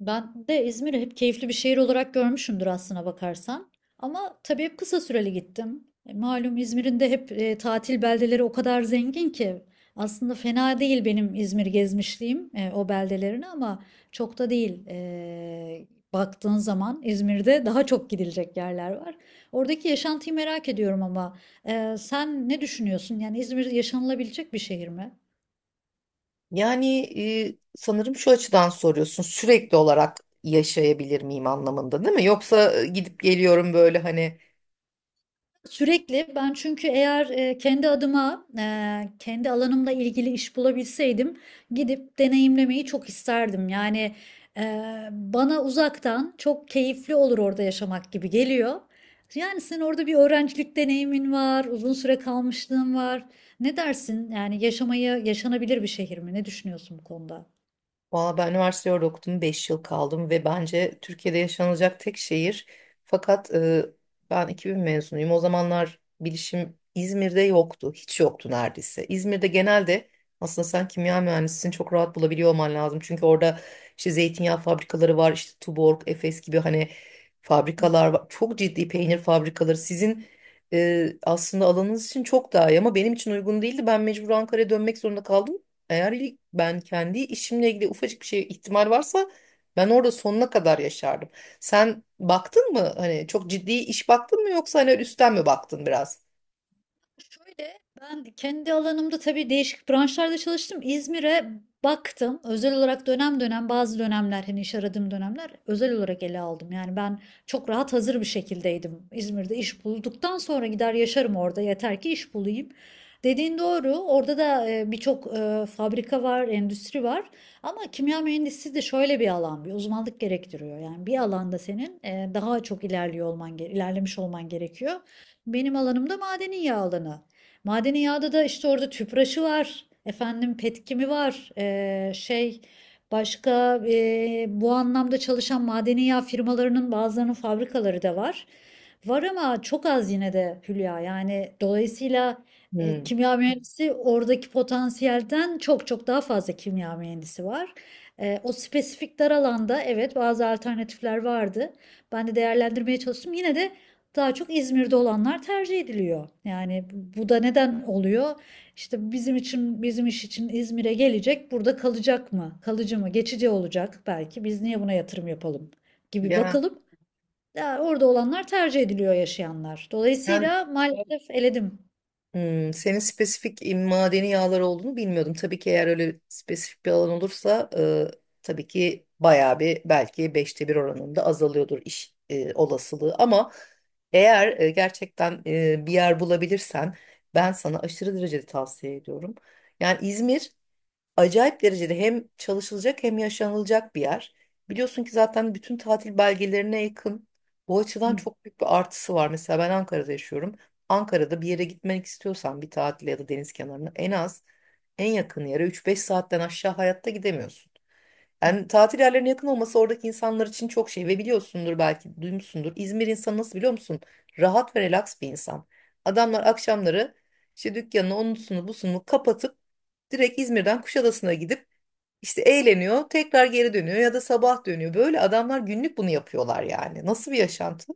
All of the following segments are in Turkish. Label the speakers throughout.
Speaker 1: Ben de İzmir'i hep keyifli bir şehir olarak görmüşümdür aslına bakarsan. Ama tabii hep kısa süreli gittim. Malum İzmir'in de hep tatil beldeleri o kadar zengin ki aslında fena değil benim İzmir gezmişliğim o beldelerini ama çok da değil. Baktığın zaman İzmir'de daha çok gidilecek yerler var. Oradaki yaşantıyı merak ediyorum ama sen ne düşünüyorsun? Yani İzmir yaşanılabilecek bir şehir mi?
Speaker 2: Yani sanırım şu açıdan soruyorsun sürekli olarak yaşayabilir miyim anlamında değil mi? Yoksa gidip geliyorum böyle hani.
Speaker 1: Sürekli ben, çünkü eğer kendi adıma kendi alanımla ilgili iş bulabilseydim gidip deneyimlemeyi çok isterdim. Yani e, bana uzaktan çok keyifli olur orada yaşamak gibi geliyor. Yani senin orada bir öğrencilik deneyimin var, uzun süre kalmışlığın var. Ne dersin? Yani yaşamayı, yaşanabilir bir şehir mi? Ne düşünüyorsun bu konuda?
Speaker 2: Valla ben üniversite orada okudum. 5 yıl kaldım ve bence Türkiye'de yaşanılacak tek şehir. Fakat ben 2000 mezunuyum. O zamanlar bilişim İzmir'de yoktu. Hiç yoktu neredeyse. İzmir'de genelde aslında sen kimya mühendisini çok rahat bulabiliyor olman lazım. Çünkü orada işte zeytinyağı fabrikaları var. İşte Tuborg, Efes gibi hani fabrikalar var. Çok ciddi peynir fabrikaları. Sizin aslında alanınız için çok daha iyi ama benim için uygun değildi. Ben mecbur Ankara'ya dönmek zorunda kaldım. Eğer ilk ben kendi işimle ilgili ufacık bir şey ihtimal varsa ben orada sonuna kadar yaşardım. Sen baktın mı? Hani çok ciddi iş baktın mı yoksa hani üstten mi baktın biraz?
Speaker 1: Şöyle, ben kendi alanımda tabii değişik branşlarda çalıştım. İzmir'e baktım. Özel olarak dönem dönem, bazı dönemler, hani iş aradığım dönemler özel olarak ele aldım. Yani ben çok rahat hazır bir şekildeydim. İzmir'de iş bulduktan sonra gider yaşarım orada. Yeter ki iş bulayım. Dediğin doğru. Orada da birçok fabrika var, endüstri var. Ama kimya mühendisliği de şöyle bir alan, bir uzmanlık gerektiriyor. Yani bir alanda senin daha çok ilerliyor olman, ilerlemiş olman gerekiyor. Benim alanımda madeni yağ alanı. Madeni yağda da işte orada tüpraşı var. Efendim, petkimi var. Şey, başka bu anlamda çalışan madeni yağ firmalarının bazılarının fabrikaları da var. Var ama çok az, yine de Hülya. Yani dolayısıyla
Speaker 2: Hmm.
Speaker 1: kimya mühendisi, oradaki potansiyelden çok çok daha fazla kimya mühendisi var. O spesifik dar alanda evet, bazı alternatifler vardı. Ben de değerlendirmeye çalıştım. Yine de daha çok İzmir'de olanlar tercih ediliyor. Yani bu da neden oluyor? İşte bizim için, bizim iş için, İzmir'e gelecek, burada kalacak mı? Kalıcı mı? Geçici olacak belki. Biz niye buna yatırım yapalım gibi
Speaker 2: Ya
Speaker 1: bakılıp ya orada olanlar tercih ediliyor, yaşayanlar.
Speaker 2: sen
Speaker 1: Dolayısıyla maalesef eledim.
Speaker 2: Hmm, senin spesifik madeni yağlar olduğunu bilmiyordum. Tabii ki eğer öyle spesifik bir alan olursa tabii ki bayağı bir belki 1/5 oranında azalıyordur iş olasılığı. Ama eğer gerçekten bir yer bulabilirsen ben sana aşırı derecede tavsiye ediyorum. Yani İzmir acayip derecede hem çalışılacak hem yaşanılacak bir yer. Biliyorsun ki zaten bütün tatil belgelerine yakın. Bu açıdan
Speaker 1: Hı.
Speaker 2: çok büyük bir artısı var. Mesela ben Ankara'da yaşıyorum. Ankara'da bir yere gitmek istiyorsan bir tatile ya da deniz kenarına en az en yakın yere 3-5 saatten aşağı hayatta gidemiyorsun. Yani tatil yerlerine yakın olması oradaki insanlar için çok şey ve biliyorsundur belki duymuşsundur. İzmir insanı nasıl biliyor musun? Rahat ve relax bir insan. Adamlar akşamları işte dükkanını onusunu busunu kapatıp direkt İzmir'den Kuşadası'na gidip işte eğleniyor, tekrar geri dönüyor ya da sabah dönüyor. Böyle adamlar günlük bunu yapıyorlar yani. Nasıl bir yaşantı?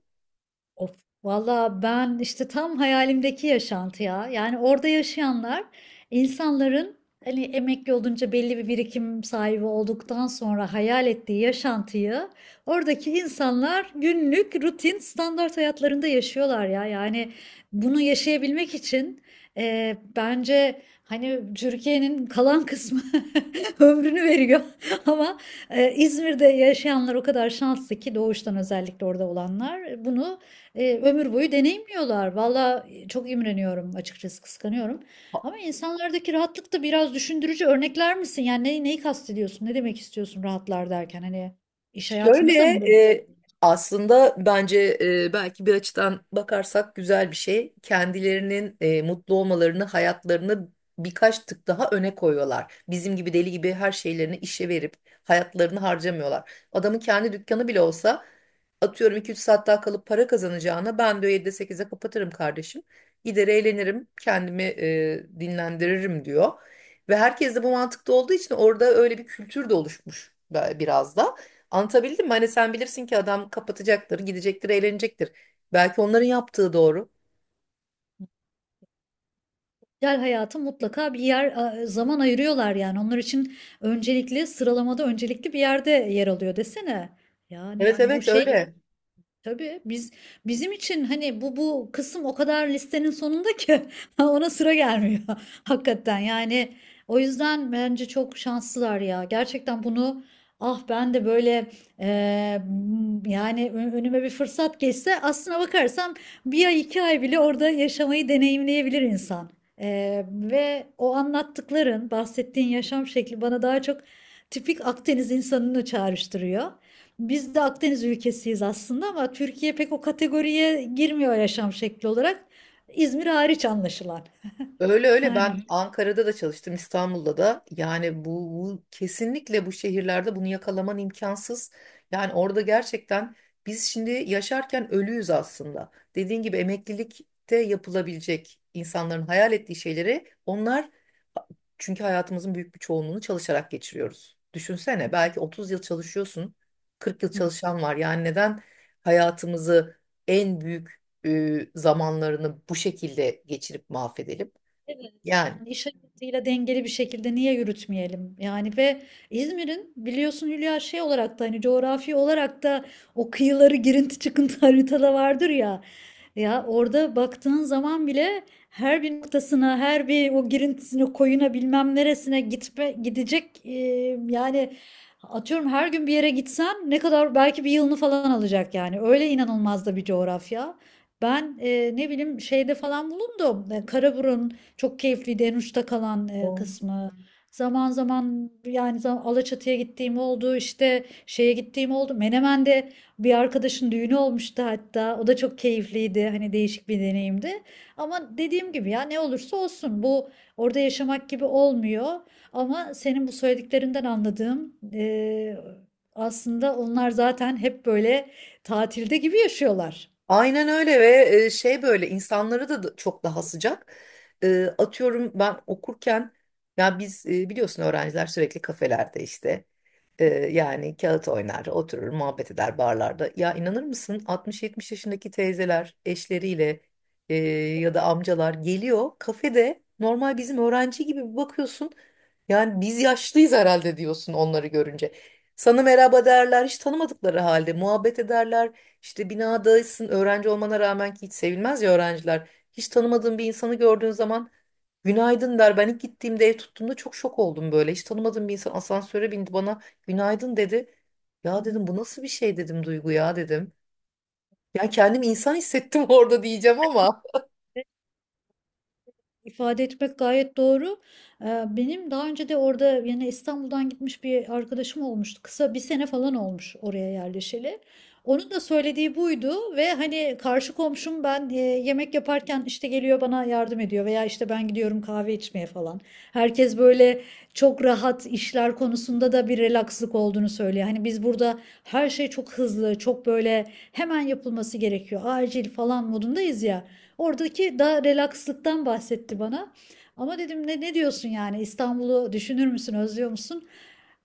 Speaker 1: Of, valla ben işte tam hayalimdeki yaşantı ya. Yani orada yaşayanlar, insanların hani emekli olunca belli bir birikim sahibi olduktan sonra hayal ettiği yaşantıyı, oradaki insanlar günlük rutin standart hayatlarında yaşıyorlar ya. Yani bunu yaşayabilmek için bence hani Türkiye'nin kalan kısmı ömrünü veriyor ama İzmir'de yaşayanlar o kadar şanslı ki, doğuştan özellikle orada olanlar bunu ömür boyu deneyimliyorlar. Valla çok imreniyorum, açıkçası kıskanıyorum. Ama insanlardaki rahatlık da biraz düşündürücü. Örnekler misin? Yani neyi kastediyorsun? Ne demek istiyorsun rahatlar derken? Hani iş
Speaker 2: Şöyle,
Speaker 1: hayatında da mı böyle?
Speaker 2: e, aslında bence belki bir açıdan bakarsak güzel bir şey. Kendilerinin mutlu olmalarını, hayatlarını birkaç tık daha öne koyuyorlar. Bizim gibi deli gibi her şeylerini işe verip hayatlarını harcamıyorlar. Adamın kendi dükkanı bile olsa atıyorum iki üç saat daha kalıp para kazanacağına ben diyor 7'de 8'e kapatırım kardeşim. Gider eğlenirim, kendimi dinlendiririm diyor. Ve herkes de bu mantıkta olduğu için orada öyle bir kültür de oluşmuş biraz da. Anlatabildim mi? Hani sen bilirsin ki adam kapatacaktır, gidecektir, eğlenecektir. Belki onların yaptığı doğru.
Speaker 1: Sosyal hayatı mutlaka bir yer zaman ayırıyorlar yani. Onlar için öncelikli sıralamada öncelikli bir yerde yer alıyor desene. Yani
Speaker 2: Evet,
Speaker 1: bu
Speaker 2: evet
Speaker 1: şey,
Speaker 2: öyle.
Speaker 1: tabii biz, bizim için hani bu kısım o kadar listenin sonunda ki ona sıra gelmiyor hakikaten. Yani o yüzden bence çok şanslılar ya. Gerçekten bunu, ah, ben de böyle eee, yani önüme bir fırsat geçse aslına bakarsam bir ay, iki ay bile orada yaşamayı deneyimleyebilir insan. Ve o anlattıkların, bahsettiğin yaşam şekli bana daha çok tipik Akdeniz insanını çağrıştırıyor. Biz de Akdeniz ülkesiyiz aslında ama Türkiye pek o kategoriye girmiyor yaşam şekli olarak. İzmir hariç anlaşılan.
Speaker 2: Öyle öyle,
Speaker 1: Yani
Speaker 2: ben Ankara'da da çalıştım İstanbul'da da yani bu kesinlikle bu şehirlerde bunu yakalaman imkansız. Yani orada gerçekten biz şimdi yaşarken ölüyüz aslında. Dediğin gibi emeklilikte yapılabilecek insanların hayal ettiği şeyleri onlar çünkü hayatımızın büyük bir çoğunluğunu çalışarak geçiriyoruz. Düşünsene belki 30 yıl çalışıyorsun, 40 yıl çalışan var. Yani neden hayatımızı en büyük zamanlarını bu şekilde geçirip mahvedelim?
Speaker 1: evet,
Speaker 2: Yani
Speaker 1: yani iş hayatıyla dengeli bir şekilde niye yürütmeyelim? Yani ve İzmir'in biliyorsun Hülya, şey olarak da hani coğrafi olarak da o kıyıları girinti çıkıntı haritada vardır ya. Ya orada baktığın zaman bile her bir noktasına, her bir o girintisine, koyuna, bilmem neresine gitme, gidecek yani atıyorum her gün bir yere gitsen ne kadar, belki bir yılını falan alacak yani. Öyle inanılmaz da bir coğrafya. Ben ne bileyim şeyde falan bulundum. Karaburun, çok keyifliydi en uçta kalan
Speaker 2: o-
Speaker 1: kısmı. Zaman zaman, yani Alaçatı'ya gittiğim oldu, işte şeye gittiğim oldu. Menemen'de bir arkadaşın düğünü olmuştu hatta. O da çok keyifliydi. Hani değişik bir deneyimdi. Ama dediğim gibi ya, ne olursa olsun bu orada yaşamak gibi olmuyor. Ama senin bu söylediklerinden anladığım aslında onlar zaten hep böyle tatilde gibi yaşıyorlar.
Speaker 2: aynen öyle ve şey, böyle insanları da çok daha sıcak. Atıyorum ben okurken ya biz biliyorsun öğrenciler sürekli kafelerde işte yani kağıt oynar, oturur, muhabbet eder barlarda. Ya inanır mısın 60-70 yaşındaki teyzeler eşleriyle e, ya da amcalar geliyor kafede normal bizim öğrenci gibi bir bakıyorsun. Yani biz yaşlıyız herhalde diyorsun onları görünce. Sana merhaba derler, hiç tanımadıkları halde muhabbet ederler. İşte binadaysın öğrenci olmana rağmen ki hiç sevilmez ya öğrenciler. Hiç tanımadığın bir insanı gördüğün zaman günaydın der. Ben ilk gittiğimde ev tuttuğumda çok şok oldum böyle. Hiç tanımadığım bir insan asansöre bindi bana günaydın dedi.
Speaker 1: Hı
Speaker 2: Ya
Speaker 1: hı.
Speaker 2: dedim bu nasıl bir şey dedim Duygu ya dedim. Yani kendimi insan hissettim orada diyeceğim ama
Speaker 1: ifade etmek gayet doğru. Benim daha önce de orada, yani İstanbul'dan gitmiş bir arkadaşım olmuştu. Kısa, bir sene falan olmuş oraya yerleşeli. Onun da söylediği buydu ve hani karşı komşum, ben yemek yaparken işte geliyor bana yardım ediyor veya işte ben gidiyorum kahve içmeye falan. Herkes böyle çok rahat, işler konusunda da bir relakslık olduğunu söylüyor. Hani biz burada her şey çok hızlı, çok böyle hemen yapılması gerekiyor, acil falan modundayız ya. Oradaki daha relakslıktan bahsetti bana. Ama dedim ne diyorsun yani, İstanbul'u düşünür müsün, özlüyor musun?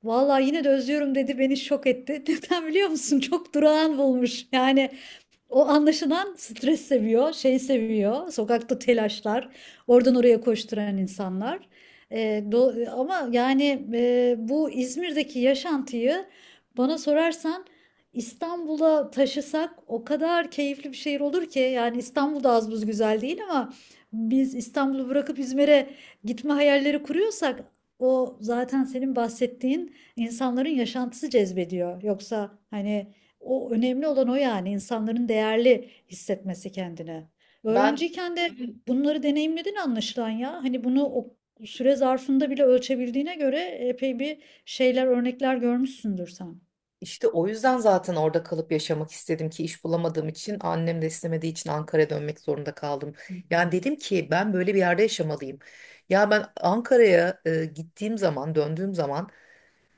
Speaker 1: Vallahi yine de özlüyorum dedi, beni şok etti. Neden biliyor musun? Çok durağan bulmuş. Yani o anlaşılan stres seviyor, şey seviyor, sokakta telaşlar, oradan oraya koşturan insanlar. Ee, ama yani bu İzmir'deki yaşantıyı bana sorarsan İstanbul'a taşısak o kadar keyifli bir şehir olur ki, yani İstanbul'da az buz güzel değil ama biz İstanbul'u bırakıp İzmir'e gitme hayalleri kuruyorsak o zaten senin bahsettiğin insanların yaşantısı cezbediyor. Yoksa hani o önemli, olan o, yani insanların değerli hissetmesi kendini.
Speaker 2: ben
Speaker 1: Öğrenciyken de, evet, bunları deneyimledin anlaşılan ya. Hani bunu o süre zarfında bile ölçebildiğine göre epey bir şeyler, örnekler görmüşsündür sen.
Speaker 2: İşte o yüzden zaten orada kalıp yaşamak istedim ki iş bulamadığım için annem de istemediği için Ankara'ya dönmek zorunda kaldım.
Speaker 1: Hı
Speaker 2: Yani
Speaker 1: hı.
Speaker 2: dedim ki ben böyle bir yerde yaşamalıyım. Ya ben Ankara'ya gittiğim zaman döndüğüm zaman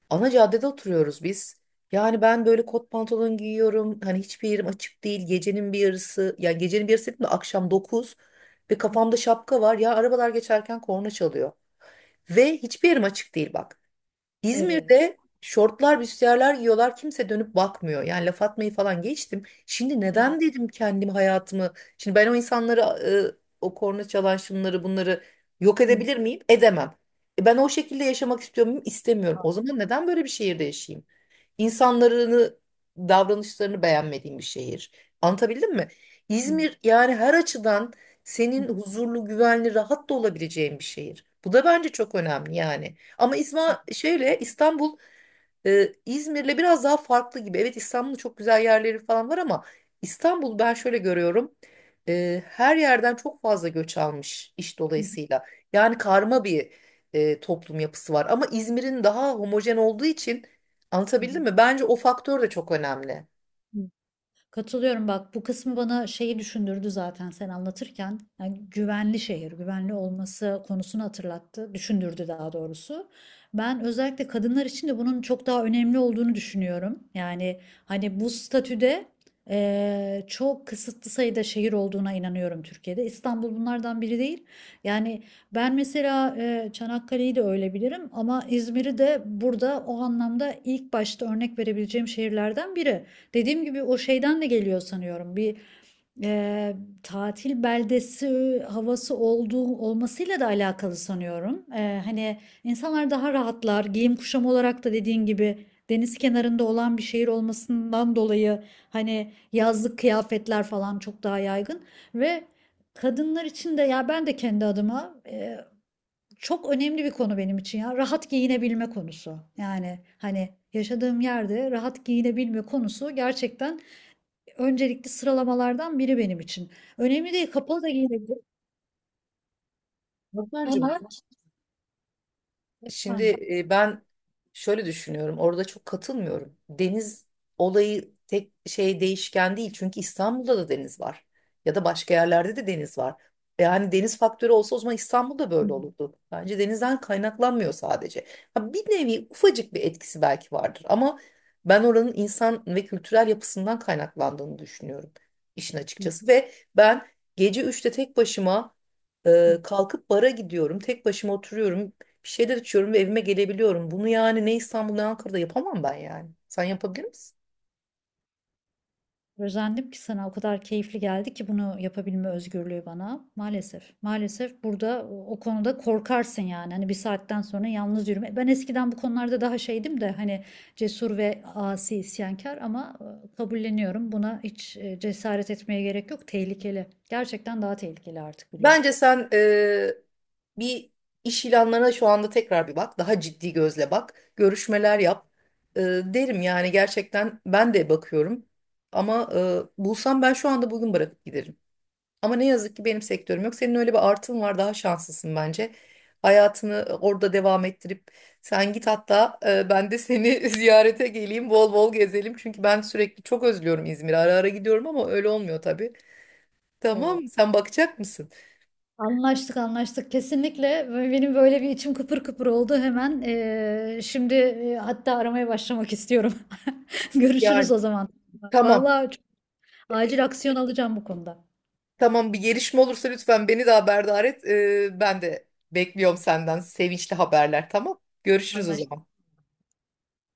Speaker 2: ana caddede oturuyoruz biz. Yani ben böyle kot pantolon giyiyorum. Hani hiçbir yerim açık değil. Gecenin bir yarısı, yani gecenin bir yarısı dedim de akşam 9 ve kafamda şapka var. Ya arabalar geçerken korna çalıyor. Ve hiçbir yerim açık değil bak.
Speaker 1: Evet.
Speaker 2: İzmir'de şortlar, büstiyerler giyiyorlar. Kimse dönüp bakmıyor. Yani laf atmayı falan geçtim. Şimdi
Speaker 1: Evet.
Speaker 2: neden dedim kendimi hayatımı? Şimdi ben o insanları, o korna çalan şunları bunları yok
Speaker 1: Hı.
Speaker 2: edebilir miyim? Edemem. Ben o şekilde yaşamak istiyor muyum? İstemiyorum.
Speaker 1: Hı.
Speaker 2: O zaman neden böyle bir şehirde yaşayayım? İnsanlarını, davranışlarını beğenmediğim bir şehir. Anlatabildim mi?
Speaker 1: Hı.
Speaker 2: İzmir yani her açıdan senin huzurlu, güvenli, rahat da olabileceğin bir şehir. Bu da bence çok önemli yani. Ama şöyle İstanbul İzmir'le biraz daha farklı gibi. Evet, İstanbul'da çok güzel yerleri falan var ama İstanbul ben şöyle görüyorum. Her yerden çok fazla göç almış iş
Speaker 1: Hı.
Speaker 2: dolayısıyla. Yani karma bir toplum yapısı var. Ama İzmir'in daha homojen olduğu için
Speaker 1: Hı.
Speaker 2: anlatabildim mi? Bence o faktör de çok önemli.
Speaker 1: Hı. Katılıyorum, bak bu kısmı bana şeyi düşündürdü zaten sen anlatırken. Yani güvenli şehir, güvenli olması konusunu hatırlattı, düşündürdü daha doğrusu. Ben özellikle kadınlar için de bunun çok daha önemli olduğunu düşünüyorum. Yani hani bu statüde çok kısıtlı sayıda şehir olduğuna inanıyorum Türkiye'de. İstanbul bunlardan biri değil. Yani ben mesela Çanakkale'yi de öyle bilirim ama İzmir'i de burada o anlamda ilk başta örnek verebileceğim şehirlerden biri. Dediğim gibi o şeyden de geliyor sanıyorum. Bir eee, tatil beldesi havası olduğu, olmasıyla da alakalı sanıyorum. Hani insanlar daha rahatlar. Giyim kuşam olarak da dediğin gibi deniz kenarında olan bir şehir olmasından dolayı hani yazlık kıyafetler falan çok daha yaygın ve kadınlar için de, ya ben de kendi adıma çok önemli bir konu benim için ya. Rahat giyinebilme konusu. Yani hani yaşadığım yerde rahat giyinebilme konusu gerçekten öncelikli sıralamalardan biri benim için. Önemli değil, kapalı da giyinebilirim.
Speaker 2: Nurcancığım, şimdi
Speaker 1: Efendim.
Speaker 2: ben şöyle düşünüyorum. Orada çok katılmıyorum. Deniz olayı tek şey değişken değil. Çünkü İstanbul'da da deniz var. Ya da başka yerlerde de deniz var. Yani deniz faktörü olsa o zaman İstanbul'da
Speaker 1: Hı
Speaker 2: böyle
Speaker 1: hı,
Speaker 2: olurdu. Bence denizden kaynaklanmıyor sadece. Ha, bir nevi ufacık bir etkisi belki vardır ama ben oranın insan ve kültürel yapısından kaynaklandığını düşünüyorum işin
Speaker 1: hı
Speaker 2: açıkçası ve ben gece 3'te tek başıma
Speaker 1: hı.
Speaker 2: kalkıp bara gidiyorum. Tek başıma oturuyorum. Bir şeyler içiyorum ve evime gelebiliyorum. Bunu yani ne İstanbul ne Ankara'da yapamam ben yani. Sen yapabilir misin?
Speaker 1: Özendim ki, sana o kadar keyifli geldi ki bunu yapabilme özgürlüğü bana. Maalesef. Maalesef burada o konuda korkarsın yani. Hani bir saatten sonra yalnız yürüme. Ben eskiden bu konularda daha şeydim de, hani cesur ve asi, isyankar ama kabulleniyorum. Buna hiç cesaret etmeye gerek yok. Tehlikeli. Gerçekten daha tehlikeli artık Hülya.
Speaker 2: Bence sen bir iş ilanlarına şu anda tekrar bir bak. Daha ciddi gözle bak. Görüşmeler yap. Derim yani, gerçekten ben de bakıyorum. Ama bulsam ben şu anda bugün bırakıp giderim. Ama ne yazık ki benim sektörüm yok. Senin öyle bir artın var, daha şanslısın bence. Hayatını orada devam ettirip sen git, hatta ben de seni ziyarete geleyim, bol bol gezelim. Çünkü ben sürekli çok özlüyorum İzmir'i. Ara ara gidiyorum ama öyle olmuyor tabii.
Speaker 1: Evet.
Speaker 2: Tamam, sen bakacak mısın?
Speaker 1: Anlaştık, anlaştık, kesinlikle. Ve benim böyle bir içim kıpır kıpır oldu hemen. Şimdi hatta aramaya başlamak istiyorum. Görüşürüz
Speaker 2: Yani
Speaker 1: o zaman.
Speaker 2: tamam.
Speaker 1: Vallahi çok acil aksiyon alacağım bu konuda.
Speaker 2: Tamam, bir gelişme olursa lütfen beni de haberdar et. Ben de bekliyorum senden sevinçli haberler, tamam. Görüşürüz o zaman.
Speaker 1: Anlaştık.